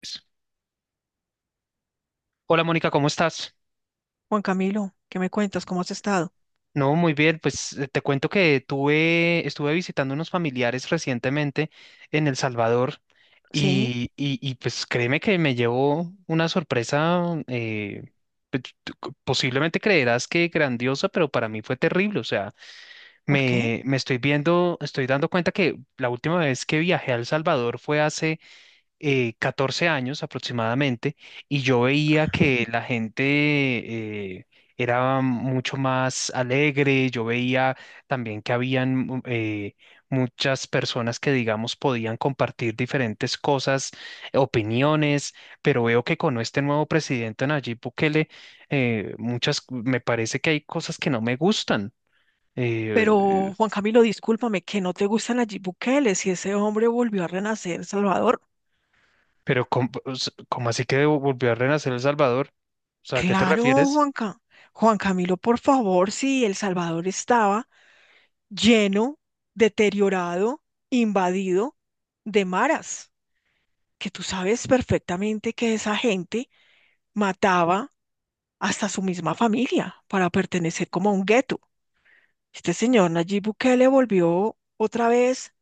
Pues, hola Mónica, ¿cómo estás? Juan Camilo, ¿qué me cuentas? ¿Cómo has estado? No, muy bien, pues te cuento que estuve visitando unos familiares recientemente en El Salvador Sí, y, pues créeme que me llevó una sorpresa, eh, posiblemente creerás que grandiosa, pero para mí fue terrible. O sea, ¿por qué? Me estoy viendo, estoy dando cuenta que la última vez que viajé a El Salvador fue hace 14 años aproximadamente, y yo veía que la gente eh, era mucho más alegre. Yo veía también que habían muchas personas que, digamos, podían compartir diferentes cosas, opiniones, pero veo que con este nuevo presidente Nayib Bukele, muchas, me parece que hay cosas que no me gustan. eh, Pero, Juan Camilo, discúlpame, que no te gusta Nayib Bukele, si ese hombre volvió a renacer Salvador. pero, ¿cómo así que volvió a renacer El Salvador? O sea, ¿a qué te Claro, refieres? Juanca. Juan Camilo, por favor, si El Salvador estaba lleno, deteriorado, invadido de maras, que tú sabes perfectamente que esa gente mataba hasta su misma familia para pertenecer como a un gueto. Este señor Nayib Bukele volvió otra vez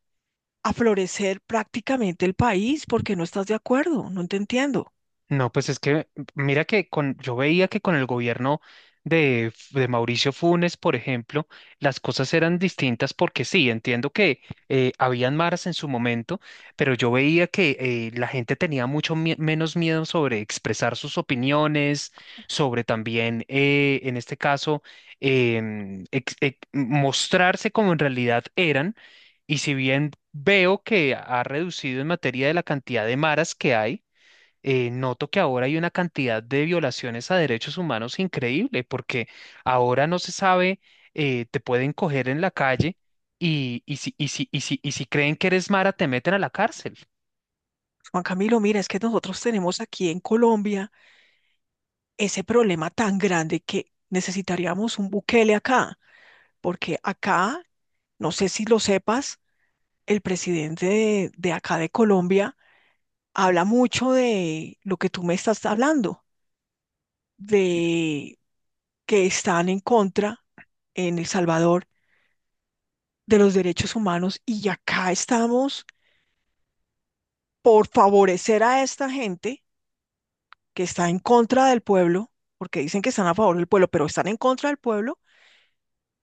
a florecer prácticamente el país porque no estás de acuerdo, no te entiendo. No, pues es que mira que yo veía que con el gobierno de Mauricio Funes, por ejemplo, las cosas eran distintas porque sí, entiendo que habían maras en su momento, pero yo veía que la gente tenía mucho menos miedo sobre expresar sus opiniones, sobre también, en este caso, mostrarse como en realidad eran. Y si bien veo que ha reducido en materia de la cantidad de maras que hay, noto que ahora hay una cantidad de violaciones a derechos humanos increíble, porque ahora no se sabe, te pueden coger en la calle y, y si creen que eres mara, te meten a la cárcel. Juan Camilo, mira, es que nosotros tenemos aquí en Colombia ese problema tan grande que necesitaríamos un Bukele acá, porque acá, no sé si lo sepas, el presidente de acá de Colombia habla mucho de lo que tú me estás hablando, de que están en contra en El Salvador de los derechos humanos y acá estamos por favorecer a esta gente que está en contra del pueblo, porque dicen que están a favor del pueblo, pero están en contra del pueblo,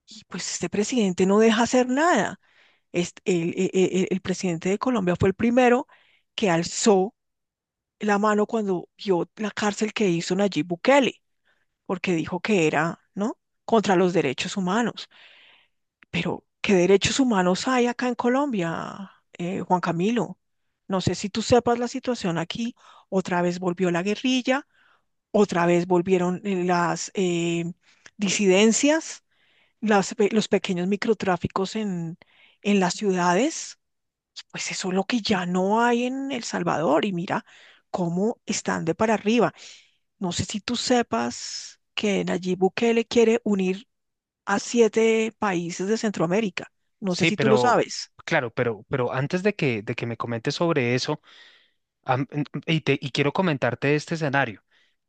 y pues este presidente no deja hacer nada. El presidente de Colombia fue el primero que alzó la mano cuando vio la cárcel que hizo Nayib Bukele, porque dijo que era, ¿no? Contra los derechos humanos. Pero, ¿qué derechos humanos hay acá en Colombia, Juan Camilo? No sé si tú sepas la situación aquí. Otra vez volvió la guerrilla, otra vez volvieron las disidencias, los pequeños microtráficos en las ciudades. Pues eso es lo que ya no hay en El Salvador. Y mira cómo están de para arriba. No sé si tú sepas que Nayib Bukele quiere unir a siete países de Centroamérica. No sé Sí, si tú lo pero sabes. claro, pero antes de de que me comentes sobre eso, y quiero comentarte este escenario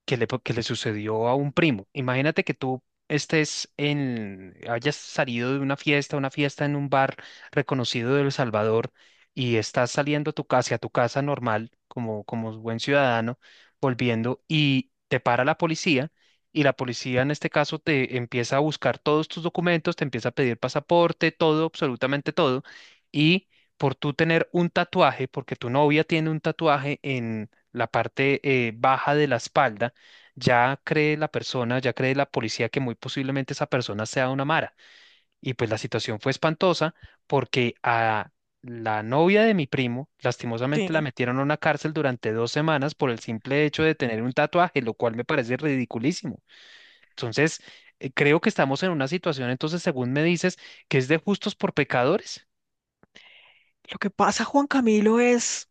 que le sucedió a un primo. Imagínate que tú hayas salido de una fiesta en un bar reconocido de El Salvador, y estás saliendo a tu casa, hacia tu casa normal, como buen ciudadano, volviendo, y te para la policía, y la policía en este caso te empieza a buscar todos tus documentos, te empieza a pedir pasaporte, todo, absolutamente todo. Y por tú tener un tatuaje, porque tu novia tiene un tatuaje en la parte baja de la espalda, ya cree la persona, ya cree la policía que muy posiblemente esa persona sea una mara. Y pues la situación fue espantosa porque a la novia de mi primo, lastimosamente la Sí, metieron a una cárcel durante dos semanas por el simple hecho de tener un tatuaje, lo cual me parece ridiculísimo. Entonces, creo que estamos en una situación, entonces, según me dices, que es de justos por pecadores. lo que pasa, Juan Camilo, es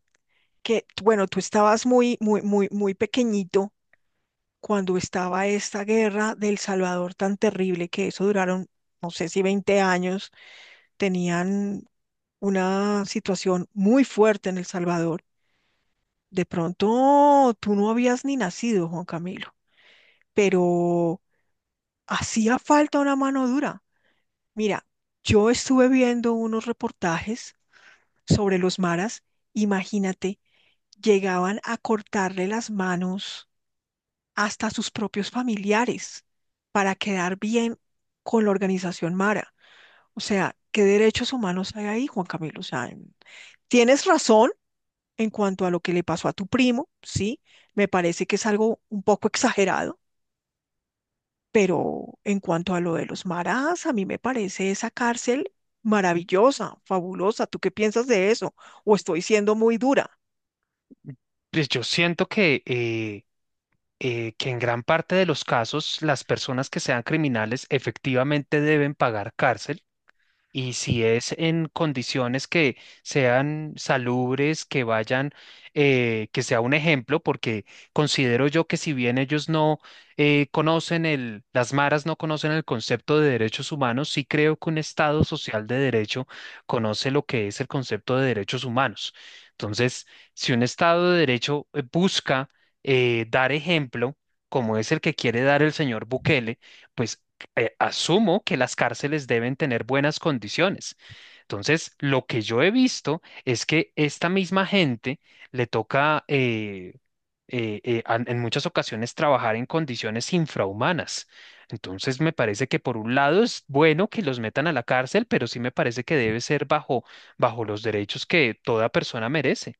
que, bueno, tú estabas muy, muy, muy, muy pequeñito cuando estaba esta guerra del Salvador tan terrible que eso duraron, no sé si 20 años, tenían una situación muy fuerte en El Salvador. De pronto tú no habías ni nacido, Juan Camilo, pero hacía falta una mano dura. Mira, yo estuve viendo unos reportajes sobre los maras. Imagínate, llegaban a cortarle las manos hasta a sus propios familiares para quedar bien con la organización mara. O sea, ¿qué derechos humanos hay ahí, Juan Camilo? O sea, tienes razón en cuanto a lo que le pasó a tu primo, ¿sí? Me parece que es algo un poco exagerado. Pero en cuanto a lo de los maras, a mí me parece esa cárcel maravillosa, fabulosa. ¿Tú qué piensas de eso? ¿O estoy siendo muy dura? Pues yo siento que que en gran parte de los casos las personas que sean criminales efectivamente deben pagar cárcel. Y si es en condiciones que sean salubres, que vayan, que sea un ejemplo, porque considero yo que si bien ellos no conocen las maras no conocen el concepto de derechos humanos, sí creo que un Estado social de derecho conoce lo que es el concepto de derechos humanos. Entonces, si un Estado de derecho busca dar ejemplo, como es el que quiere dar el señor Bukele, pues asumo que las cárceles deben tener buenas condiciones. Entonces, lo que yo he visto es que esta misma gente le toca en muchas ocasiones trabajar en condiciones infrahumanas. Entonces, me parece que por un lado es bueno que los metan a la cárcel, pero sí me parece que debe ser bajo los derechos que toda persona merece.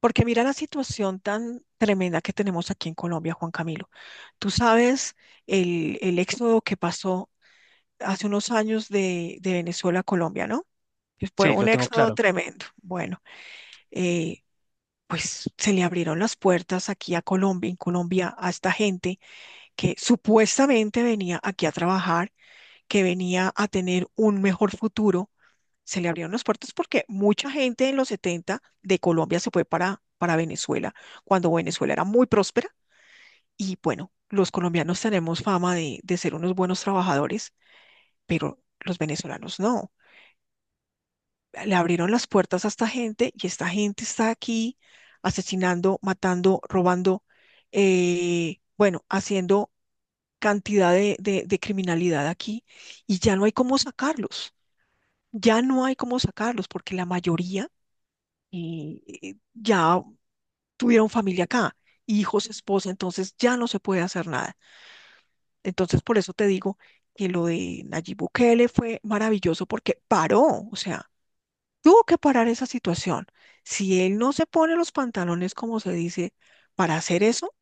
Porque mira la situación tan tremenda que tenemos aquí en Colombia, Juan Camilo. Tú sabes el éxodo que pasó hace unos años de Venezuela a Colombia, ¿no? Que fue Sí, un lo tengo éxodo claro. tremendo. Bueno, eh, pues se le abrieron las puertas aquí a Colombia, en Colombia, a esta gente que supuestamente venía aquí a trabajar, que venía a tener un mejor futuro, se le abrieron las puertas porque mucha gente en los 70 de Colombia se fue para Venezuela, cuando Venezuela era muy próspera. Y bueno, los colombianos tenemos fama de ser unos buenos trabajadores, pero los venezolanos no. Le abrieron las puertas a esta gente y esta gente está aquí asesinando, matando, robando, bueno, haciendo cantidad de criminalidad aquí y ya no hay cómo sacarlos, ya no hay cómo sacarlos porque la mayoría ya tuvieron familia acá, hijos, esposa, entonces ya no se puede hacer nada. Entonces por eso te digo que lo de Nayib Bukele fue maravilloso porque paró, o sea, tuvo que parar esa situación. Si él no se pone los pantalones, como se dice, para hacer eso,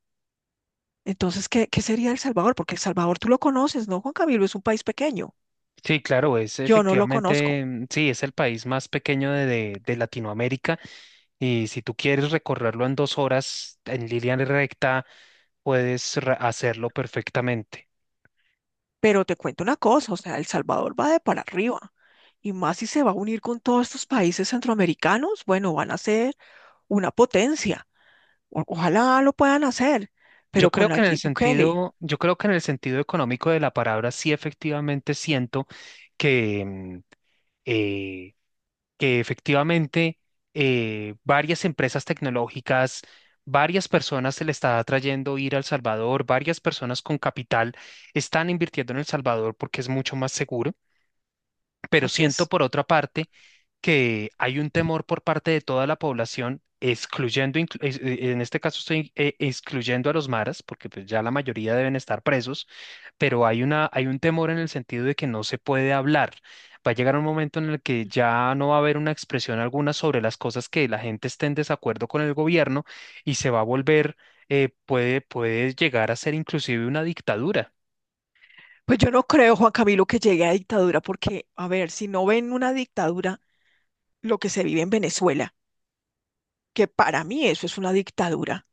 entonces, ¿qué sería El Salvador? Porque El Salvador tú lo conoces, ¿no, Juan Camilo? Es un país pequeño. Sí, claro, es Yo no lo efectivamente, conozco. mm, sí, es el país más pequeño de de Latinoamérica. Y si tú quieres recorrerlo en dos horas en línea recta, puedes hacerlo perfectamente. Pero te cuento una cosa, o sea, El Salvador va de para arriba. Y más si se va a unir con todos estos países centroamericanos, bueno, van a ser una potencia. Ojalá lo puedan hacer, Yo pero con creo que en el Nayib Bukele, sentido, yo creo que en el sentido económico de la palabra, sí efectivamente siento que, eh, que efectivamente varias empresas tecnológicas, varias personas se le está atrayendo ir al Salvador, varias personas con capital están invirtiendo en El Salvador porque es mucho más seguro. Pero así siento es. por otra parte que hay un temor por parte de toda la población, excluyendo, en este caso estoy excluyendo a los maras, porque pues ya la mayoría deben estar presos, pero hay hay un temor en el sentido de que no se puede hablar. Va a llegar un momento en el que ya no va a haber una expresión alguna sobre las cosas que la gente esté en desacuerdo con el gobierno, y se va a volver, puede llegar a ser inclusive una dictadura. Pues yo no creo, Juan Camilo, que llegue a dictadura, porque, a ver, si no ven una dictadura, lo que se vive en Venezuela, que para mí eso es una dictadura,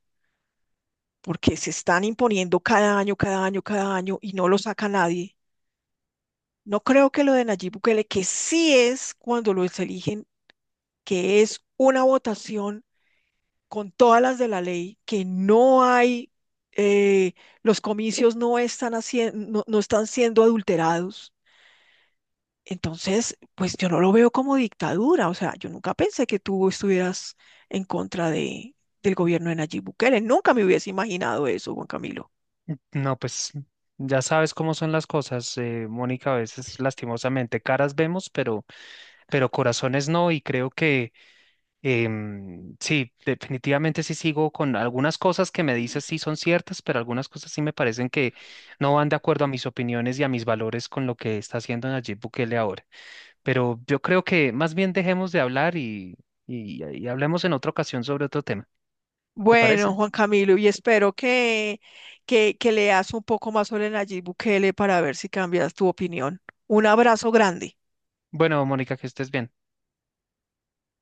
porque se están imponiendo cada año, cada año, cada año y no lo saca nadie. No creo que lo de Nayib Bukele, que sí es cuando los eligen que es una votación con todas las de la ley, que no hay, eh, los comicios no están, no, no están siendo adulterados. Entonces, pues yo no lo veo como dictadura. O sea, yo nunca pensé que tú estuvieras en contra del gobierno de Nayib Bukele. Nunca me hubiese imaginado eso, Juan Camilo. No, pues ya sabes cómo son las cosas, Mónica, a veces lastimosamente caras vemos, pero corazones no, y creo que sí, definitivamente sí sigo con algunas cosas que me dices sí son ciertas, pero algunas cosas sí me parecen que no van de acuerdo a mis opiniones y a mis valores con lo que está haciendo Nayib Bukele ahora. Pero yo creo que más bien dejemos de hablar, y hablemos en otra ocasión sobre otro tema. ¿Te Bueno, parece? Juan Camilo, y espero que leas un poco más sobre Nayib Bukele para ver si cambias tu opinión. Un abrazo grande. Bueno, Mónica, que estés bien.